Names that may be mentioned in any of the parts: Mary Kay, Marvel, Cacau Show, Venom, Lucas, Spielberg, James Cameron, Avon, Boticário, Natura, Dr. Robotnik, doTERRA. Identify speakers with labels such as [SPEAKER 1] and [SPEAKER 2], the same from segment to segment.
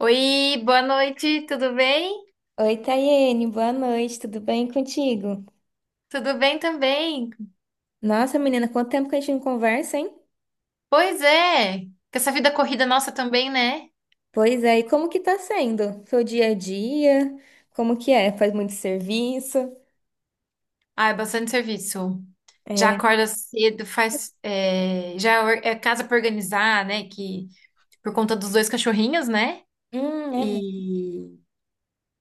[SPEAKER 1] Oi, boa noite, tudo bem?
[SPEAKER 2] Oi, Tayene, boa noite, tudo bem contigo?
[SPEAKER 1] Tudo bem também.
[SPEAKER 2] Nossa, menina, quanto tempo que a gente não conversa, hein?
[SPEAKER 1] Pois é, com essa vida corrida nossa também, né?
[SPEAKER 2] Pois é, e como que tá sendo? Seu dia a dia? Como que é? Faz muito serviço?
[SPEAKER 1] Ah, é bastante serviço. Já
[SPEAKER 2] É.
[SPEAKER 1] acorda cedo, faz. Já é casa pra organizar, né? Que por conta dos dois cachorrinhos, né?
[SPEAKER 2] É muito
[SPEAKER 1] E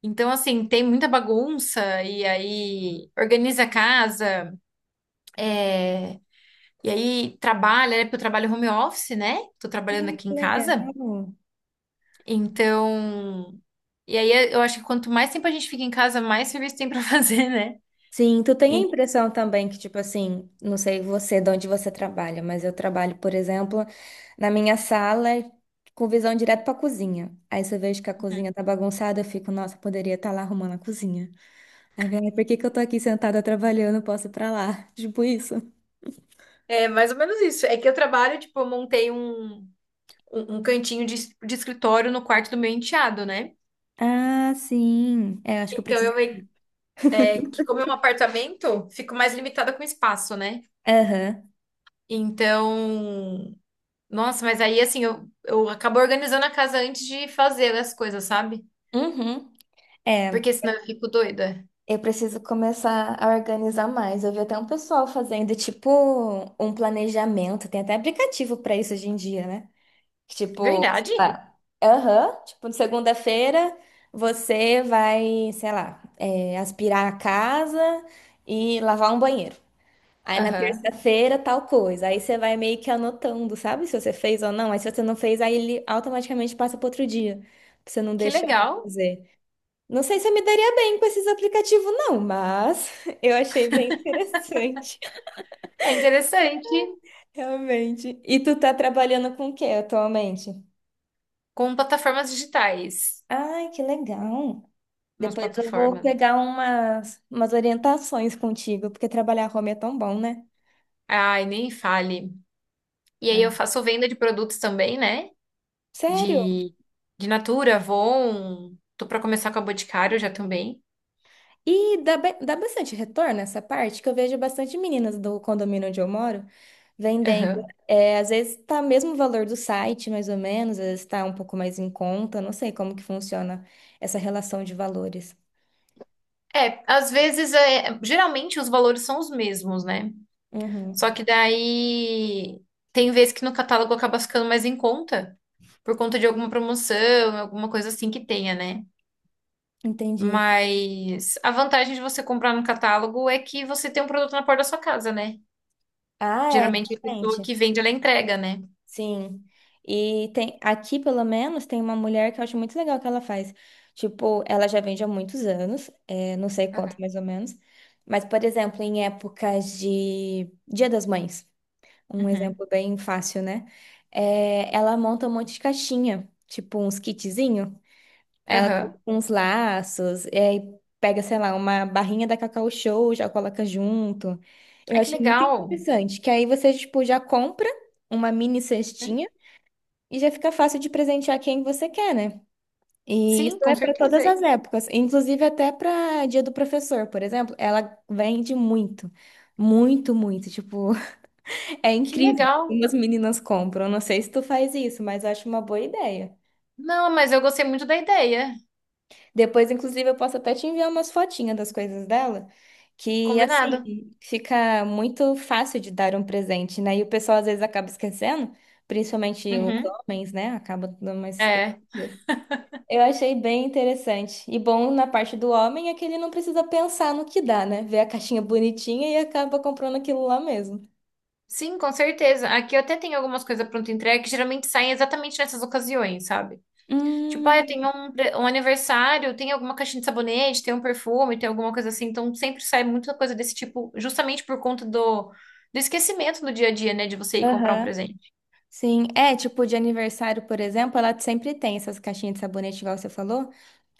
[SPEAKER 1] então, assim, tem muita bagunça, e aí organiza a casa, e aí trabalha, né? Porque eu trabalho home office, né? Tô trabalhando aqui em casa.
[SPEAKER 2] legal.
[SPEAKER 1] Então, e aí eu acho que quanto mais tempo a gente fica em casa, mais serviço tem pra fazer, né?
[SPEAKER 2] Sim, tu tem a
[SPEAKER 1] E-
[SPEAKER 2] impressão também que, tipo assim, não sei você, de onde você trabalha, mas eu trabalho, por exemplo, na minha sala com visão direto pra cozinha. Aí se eu vejo que a cozinha tá bagunçada, eu fico, nossa, poderia estar lá arrumando a cozinha. Aí, velho, por que que eu tô aqui sentada trabalhando? Posso ir pra lá? Tipo isso.
[SPEAKER 1] É mais ou menos isso. É que eu trabalho, tipo, eu montei um cantinho de escritório no quarto do meu enteado, né?
[SPEAKER 2] Ah, sim. É, acho que eu
[SPEAKER 1] Então
[SPEAKER 2] preciso.
[SPEAKER 1] eu meio- é que como é um apartamento, fico mais limitada com espaço, né?
[SPEAKER 2] Aham.
[SPEAKER 1] Então, nossa, mas aí assim, eu acabo organizando a casa antes de fazer as coisas, sabe?
[SPEAKER 2] Uhum. É,
[SPEAKER 1] Porque senão eu fico doida.
[SPEAKER 2] eu preciso começar a organizar mais. Eu vi até um pessoal fazendo, tipo, um planejamento. Tem até aplicativo pra isso hoje em dia, né? Que, tipo, sei
[SPEAKER 1] Verdade?
[SPEAKER 2] lá, aham, tipo, segunda-feira você vai, sei lá, é, aspirar a casa e lavar um banheiro. Aí na
[SPEAKER 1] Aham.
[SPEAKER 2] terça-feira, tal coisa. Aí você vai meio que anotando, sabe? Se você fez ou não. Aí se você não fez, aí ele automaticamente passa para outro dia. Pra você não
[SPEAKER 1] Que
[SPEAKER 2] deixar de
[SPEAKER 1] legal.
[SPEAKER 2] fazer. Não sei se eu me daria bem com esses aplicativos, não, mas eu achei bem interessante,
[SPEAKER 1] É interessante.
[SPEAKER 2] realmente. E tu tá trabalhando com o que atualmente?
[SPEAKER 1] Com plataformas digitais,
[SPEAKER 2] Ai, que legal.
[SPEAKER 1] umas
[SPEAKER 2] Depois eu vou
[SPEAKER 1] plataformas.
[SPEAKER 2] pegar umas orientações contigo, porque trabalhar home é tão bom, né?
[SPEAKER 1] Ai, nem fale. E aí eu
[SPEAKER 2] É.
[SPEAKER 1] faço venda de produtos também, né?
[SPEAKER 2] Sério?
[SPEAKER 1] De, de Natura, Avon. Tô pra começar com a Boticário já também.
[SPEAKER 2] E dá bastante retorno essa parte, que eu vejo bastante meninas do condomínio onde eu moro vendendo.
[SPEAKER 1] Aham.
[SPEAKER 2] É, às vezes tá mesmo o valor do site, mais ou menos, às vezes tá um pouco mais em conta, não sei como que funciona essa relação de valores.
[SPEAKER 1] É, às vezes, é, geralmente os valores são os mesmos, né?
[SPEAKER 2] Uhum,
[SPEAKER 1] Só que daí tem vezes que no catálogo acaba ficando mais em conta, por conta de alguma promoção, alguma coisa assim que tenha, né?
[SPEAKER 2] entendi.
[SPEAKER 1] Mas a vantagem de você comprar no catálogo é que você tem um produto na porta da sua casa, né?
[SPEAKER 2] Ah, é,
[SPEAKER 1] Geralmente a pessoa
[SPEAKER 2] realmente.
[SPEAKER 1] que vende, ela entrega, né?
[SPEAKER 2] Sim. E tem aqui, pelo menos, tem uma mulher que eu acho muito legal que ela faz. Tipo, ela já vende há muitos anos, é, não sei
[SPEAKER 1] Aham.
[SPEAKER 2] quanto mais ou menos. Mas, por exemplo, em épocas de Dia das Mães. Um
[SPEAKER 1] Uhum.
[SPEAKER 2] exemplo bem fácil, né? É, ela monta um monte de caixinha, tipo uns kitzinho. Aí ela coloca
[SPEAKER 1] Aham.
[SPEAKER 2] uns laços, e aí pega, sei lá, uma barrinha da Cacau Show, já coloca junto. Eu
[SPEAKER 1] Ah, que
[SPEAKER 2] achei muito
[SPEAKER 1] legal.
[SPEAKER 2] interessante, que aí você, tipo, já compra uma mini
[SPEAKER 1] Hum?
[SPEAKER 2] cestinha e já fica fácil de presentear quem você quer, né? E isso
[SPEAKER 1] Sim, com
[SPEAKER 2] é para todas
[SPEAKER 1] certeza.
[SPEAKER 2] as épocas, inclusive até para Dia do Professor, por exemplo, ela vende muito, muito, muito, tipo, é
[SPEAKER 1] Que
[SPEAKER 2] incrível
[SPEAKER 1] legal.
[SPEAKER 2] como as meninas compram. Não sei se tu faz isso, mas eu acho uma boa ideia.
[SPEAKER 1] Não, mas eu gostei muito da ideia.
[SPEAKER 2] Depois, inclusive, eu posso até te enviar umas fotinhas das coisas dela, que
[SPEAKER 1] Combinado.
[SPEAKER 2] assim fica muito fácil de dar um presente, né? E o pessoal às vezes acaba esquecendo, principalmente os
[SPEAKER 1] Uhum.
[SPEAKER 2] homens, né? Acabam dando mais esquecidas.
[SPEAKER 1] É.
[SPEAKER 2] Eu achei bem interessante. E bom na parte do homem é que ele não precisa pensar no que dá, né? Vê a caixinha bonitinha e acaba comprando aquilo lá mesmo.
[SPEAKER 1] Sim, com certeza. Aqui eu até tenho algumas coisas pronto entrega que geralmente saem exatamente nessas ocasiões, sabe? Tipo, ah, eu
[SPEAKER 2] Hum,
[SPEAKER 1] tenho um, um aniversário, tem alguma caixinha de sabonete, tem um perfume, tem alguma coisa assim. Então sempre sai muita coisa desse tipo, justamente por conta do, do esquecimento do dia a dia, né? De você ir comprar um
[SPEAKER 2] aham.
[SPEAKER 1] presente.
[SPEAKER 2] Sim, é tipo de aniversário, por exemplo, ela sempre tem essas caixinhas de sabonete, igual você falou.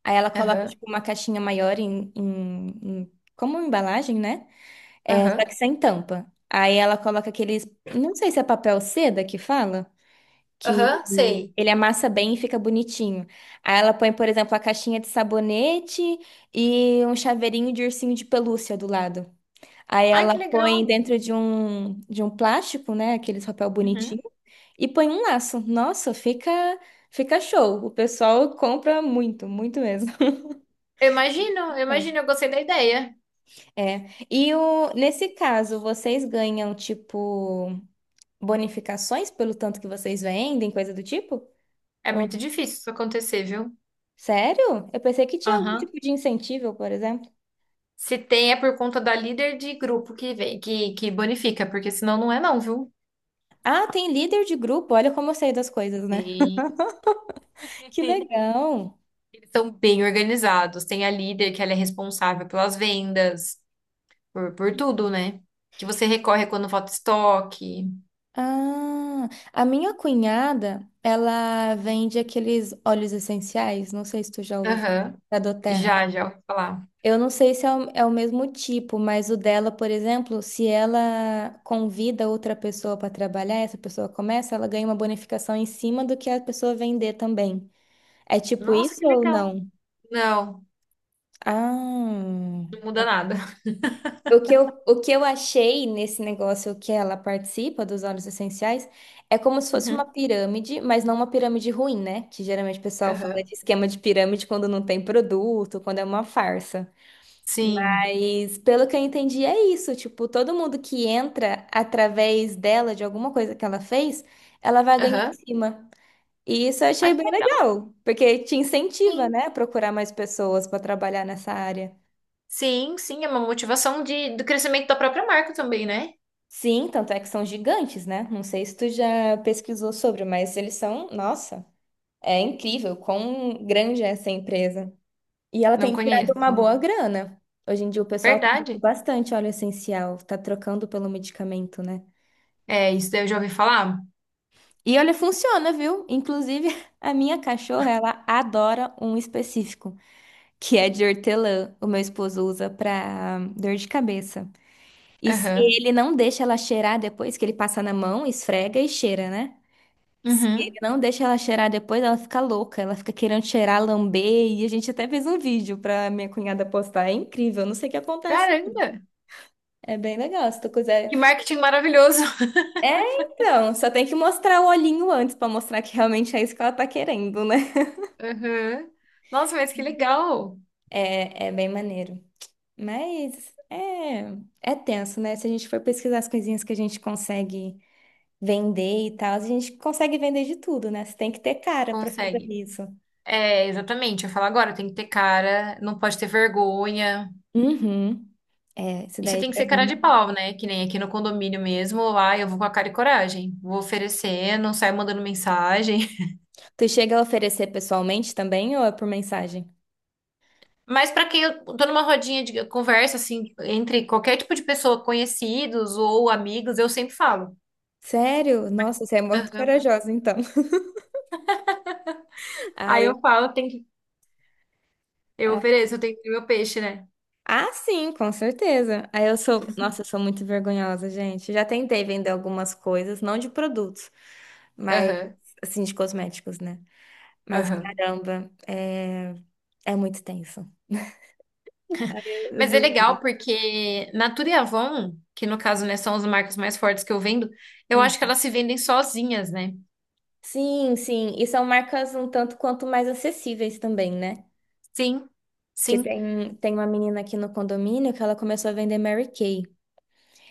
[SPEAKER 2] Aí ela coloca
[SPEAKER 1] Aham.
[SPEAKER 2] tipo uma caixinha maior em como embalagem, né? É, só que
[SPEAKER 1] Aham.
[SPEAKER 2] sem tampa. Aí ela coloca aqueles, não sei se é papel seda que fala, que
[SPEAKER 1] Aham, sei.
[SPEAKER 2] ele amassa bem e fica bonitinho. Aí ela põe, por exemplo, a caixinha de sabonete e um chaveirinho de ursinho de pelúcia do lado. Aí
[SPEAKER 1] Ai, que
[SPEAKER 2] ela
[SPEAKER 1] legal.
[SPEAKER 2] põe dentro de um plástico, né? Aqueles papel bonitinho.
[SPEAKER 1] Uhum.
[SPEAKER 2] E põe um laço. Nossa, fica, fica show. O pessoal compra muito, muito mesmo.
[SPEAKER 1] Eu imagino, eu imagino, eu gostei da ideia.
[SPEAKER 2] É. E o, nesse caso, vocês ganham, tipo, bonificações pelo tanto que vocês vendem, coisa do tipo?
[SPEAKER 1] É
[SPEAKER 2] Ou-
[SPEAKER 1] muito difícil isso acontecer, viu?
[SPEAKER 2] Sério? Eu pensei que tinha algum
[SPEAKER 1] Aham.
[SPEAKER 2] tipo de incentivo, por exemplo.
[SPEAKER 1] Se tem, é por conta da líder de grupo que vem, que bonifica, porque senão não é não, viu?
[SPEAKER 2] Ah, tem líder de grupo. Olha como eu sei das coisas, né?
[SPEAKER 1] Sim.
[SPEAKER 2] Que legal.
[SPEAKER 1] Eles são bem organizados. Tem a líder, que ela é responsável pelas vendas, por tudo, né? Que você recorre quando falta estoque.
[SPEAKER 2] Ah, a minha cunhada, ela vende aqueles óleos essenciais. Não sei se tu já ouviu falar
[SPEAKER 1] Aham.
[SPEAKER 2] da
[SPEAKER 1] Já,
[SPEAKER 2] doTERRA.
[SPEAKER 1] já ouvi falar.
[SPEAKER 2] Eu não sei se é o mesmo tipo, mas o dela, por exemplo, se ela convida outra pessoa para trabalhar, essa pessoa começa, ela ganha uma bonificação em cima do que a pessoa vender também. É tipo
[SPEAKER 1] Nossa,
[SPEAKER 2] isso
[SPEAKER 1] que
[SPEAKER 2] ou
[SPEAKER 1] legal.
[SPEAKER 2] não?
[SPEAKER 1] Não,
[SPEAKER 2] Ah.
[SPEAKER 1] não muda nada.
[SPEAKER 2] O que eu achei nesse negócio que ela participa dos óleos essenciais é como se fosse uma
[SPEAKER 1] Uhum.
[SPEAKER 2] pirâmide, mas não uma pirâmide ruim, né? Que geralmente o pessoal fala de
[SPEAKER 1] Aham.
[SPEAKER 2] esquema de pirâmide quando não tem produto, quando é uma farsa.
[SPEAKER 1] Sim.
[SPEAKER 2] Mas pelo que eu entendi, é isso. Tipo, todo mundo que entra através dela, de alguma coisa que ela fez, ela vai ganhar em
[SPEAKER 1] Aham.
[SPEAKER 2] cima. E isso eu
[SPEAKER 1] Ah,
[SPEAKER 2] achei
[SPEAKER 1] que
[SPEAKER 2] bem
[SPEAKER 1] legal.
[SPEAKER 2] legal, porque te incentiva,
[SPEAKER 1] Sim.
[SPEAKER 2] né, a procurar mais pessoas para trabalhar nessa área.
[SPEAKER 1] Sim, sim, é uma motivação de, do crescimento da própria marca também, né?
[SPEAKER 2] Sim, tanto é que são gigantes, né? Não sei se tu já pesquisou sobre, mas eles são, nossa, é incrível quão grande é essa empresa. E ela
[SPEAKER 1] Não
[SPEAKER 2] tem tirado uma
[SPEAKER 1] conheço.
[SPEAKER 2] boa grana. Hoje em dia o pessoal tá usando
[SPEAKER 1] Verdade.
[SPEAKER 2] bastante óleo essencial, tá trocando pelo medicamento, né?
[SPEAKER 1] É, isso daí eu já ouvi falar.
[SPEAKER 2] E olha, funciona, viu? Inclusive, a minha cachorra, ela adora um específico, que é de hortelã. O meu esposo usa pra dor de cabeça. E se
[SPEAKER 1] Aham.
[SPEAKER 2] ele não deixa ela cheirar depois, que ele passa na mão, esfrega e cheira, né? Se
[SPEAKER 1] Uhum.
[SPEAKER 2] ele não deixa ela cheirar depois, ela fica louca, ela fica querendo cheirar, lamber. E a gente até fez um vídeo pra minha cunhada postar. É incrível, não sei o que acontece.
[SPEAKER 1] Caramba!
[SPEAKER 2] É bem legal, se tu quiser.
[SPEAKER 1] Que marketing maravilhoso!
[SPEAKER 2] É, então, só tem que mostrar o olhinho antes pra mostrar que realmente é isso que ela tá querendo, né?
[SPEAKER 1] Aham. Nossa, mas que legal!
[SPEAKER 2] É, é bem maneiro. Mas é, é tenso, né? Se a gente for pesquisar as coisinhas que a gente consegue vender e tal, a gente consegue vender de tudo, né? Você tem que ter cara pra fazer
[SPEAKER 1] Consegue.
[SPEAKER 2] isso.
[SPEAKER 1] É, exatamente. Eu falo agora, tem que ter cara, não pode ter vergonha.
[SPEAKER 2] Uhum. É, isso
[SPEAKER 1] E você
[SPEAKER 2] daí
[SPEAKER 1] tem que
[SPEAKER 2] pra
[SPEAKER 1] ser cara de
[SPEAKER 2] mim.
[SPEAKER 1] pau, né? Que nem aqui no condomínio mesmo. Lá eu vou com a cara e coragem. Vou oferecendo, saio mandando mensagem.
[SPEAKER 2] Tu chega a oferecer pessoalmente também ou é por mensagem?
[SPEAKER 1] Mas para quem eu tô numa rodinha de conversa, assim, entre qualquer tipo de pessoa, conhecidos ou amigos, eu sempre falo.
[SPEAKER 2] Sério? Nossa, você é muito
[SPEAKER 1] Aham.
[SPEAKER 2] corajosa, então. Ah,
[SPEAKER 1] Aí eu falo, tem que, eu
[SPEAKER 2] ah,
[SPEAKER 1] ofereço, eu tenho que ter meu peixe, né?
[SPEAKER 2] sim, com certeza. Aí eu sou, nossa, eu sou muito vergonhosa, gente. Já tentei vender algumas coisas, não de produtos, mas
[SPEAKER 1] Aham,
[SPEAKER 2] assim, de cosméticos, né? Mas
[SPEAKER 1] aham.
[SPEAKER 2] caramba, é, é muito tenso. Eu
[SPEAKER 1] Mas é
[SPEAKER 2] duvido.
[SPEAKER 1] legal porque Natura e Avon, que no caso, né, são as marcas mais fortes que eu vendo, eu acho que
[SPEAKER 2] Hum.
[SPEAKER 1] elas se vendem sozinhas, né?
[SPEAKER 2] Sim, sim. E são marcas um tanto quanto mais acessíveis também, né?
[SPEAKER 1] Sim,
[SPEAKER 2] Que
[SPEAKER 1] sim.
[SPEAKER 2] tem, tem uma menina aqui no condomínio que ela começou a vender Mary Kay.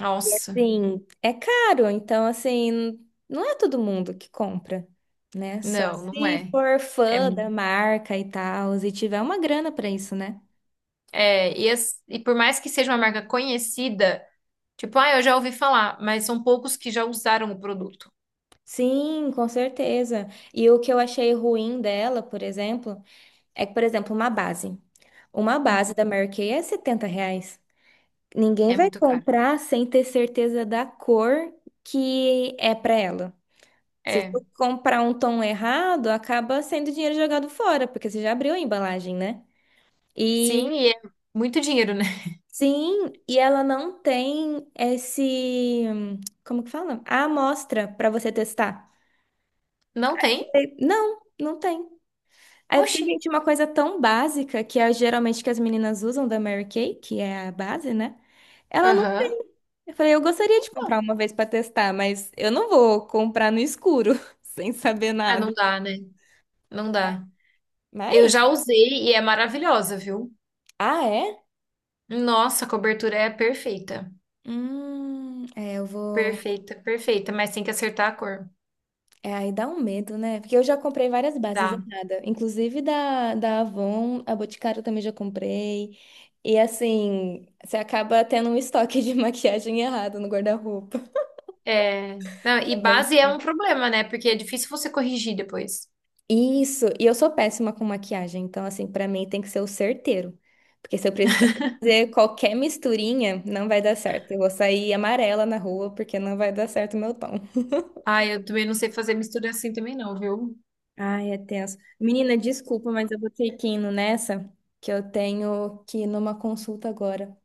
[SPEAKER 1] Nossa,
[SPEAKER 2] Sim, é caro, então assim, não é todo mundo que compra, né? Só
[SPEAKER 1] não, não
[SPEAKER 2] se
[SPEAKER 1] é.
[SPEAKER 2] for
[SPEAKER 1] É,
[SPEAKER 2] fã da marca e tal, e tiver uma grana pra isso, né?
[SPEAKER 1] é, e, e por mais que seja uma marca conhecida, tipo, ah, eu já ouvi falar, mas são poucos que já usaram o produto.
[SPEAKER 2] Sim, com certeza. E o que eu achei ruim dela, por exemplo, é que, por exemplo, uma base. Uma base
[SPEAKER 1] Uhum.
[SPEAKER 2] da Mary Kay é 70 reais. Ninguém
[SPEAKER 1] É
[SPEAKER 2] vai
[SPEAKER 1] muito caro.
[SPEAKER 2] comprar sem ter certeza da cor que é pra ela. Se
[SPEAKER 1] É.
[SPEAKER 2] tu comprar um tom errado, acaba sendo dinheiro jogado fora, porque você já abriu a embalagem, né?
[SPEAKER 1] Sim,
[SPEAKER 2] E
[SPEAKER 1] e é muito dinheiro, né?
[SPEAKER 2] sim, e ela não tem esse, como que fala? A amostra pra você testar.
[SPEAKER 1] Não tem?
[SPEAKER 2] E, não, não tem. Aí eu fiquei,
[SPEAKER 1] Oxi.
[SPEAKER 2] gente, uma coisa tão básica, que é geralmente que as meninas usam da Mary Kay, que é a base, né? Ela não tem.
[SPEAKER 1] Aham.
[SPEAKER 2] Eu falei, eu gostaria de comprar
[SPEAKER 1] Então.
[SPEAKER 2] uma vez pra testar, mas eu não vou comprar no escuro, sem saber
[SPEAKER 1] Ah,
[SPEAKER 2] nada.
[SPEAKER 1] não dá, né? Não dá. Eu
[SPEAKER 2] Mas,
[SPEAKER 1] já usei e é maravilhosa, viu?
[SPEAKER 2] ah, é?
[SPEAKER 1] Nossa, a cobertura é perfeita.
[SPEAKER 2] É, eu vou.
[SPEAKER 1] Perfeita, perfeita, mas tem que acertar a cor.
[SPEAKER 2] É, aí dá um medo, né? Porque eu já comprei várias bases
[SPEAKER 1] Dá.
[SPEAKER 2] erradas, inclusive da Avon, a Boticário também já comprei. E assim, você acaba tendo um estoque de maquiagem errado no guarda-roupa.
[SPEAKER 1] É. Não, e base é um problema, né? Porque é difícil você corrigir depois.
[SPEAKER 2] Isso, e eu sou péssima com maquiagem, então assim, pra mim tem que ser o certeiro. Porque se eu precisar fazer qualquer misturinha, não vai dar certo. Eu vou sair amarela na rua porque não vai dar certo o meu tom.
[SPEAKER 1] Ah, eu também não sei fazer mistura assim também não, viu?
[SPEAKER 2] Ai, é tenso. Menina, desculpa, mas eu vou ter que ir indo nessa, que eu tenho que ir numa consulta agora.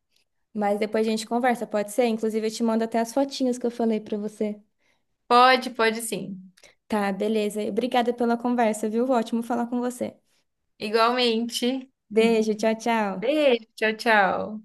[SPEAKER 2] Mas depois a gente conversa, pode ser? Inclusive, eu te mando até as fotinhas que eu falei pra você.
[SPEAKER 1] Pode, pode sim.
[SPEAKER 2] Tá, beleza. Obrigada pela conversa, viu? Ótimo falar com você.
[SPEAKER 1] Igualmente.
[SPEAKER 2] Beijo, tchau, tchau.
[SPEAKER 1] Beijo, tchau, tchau.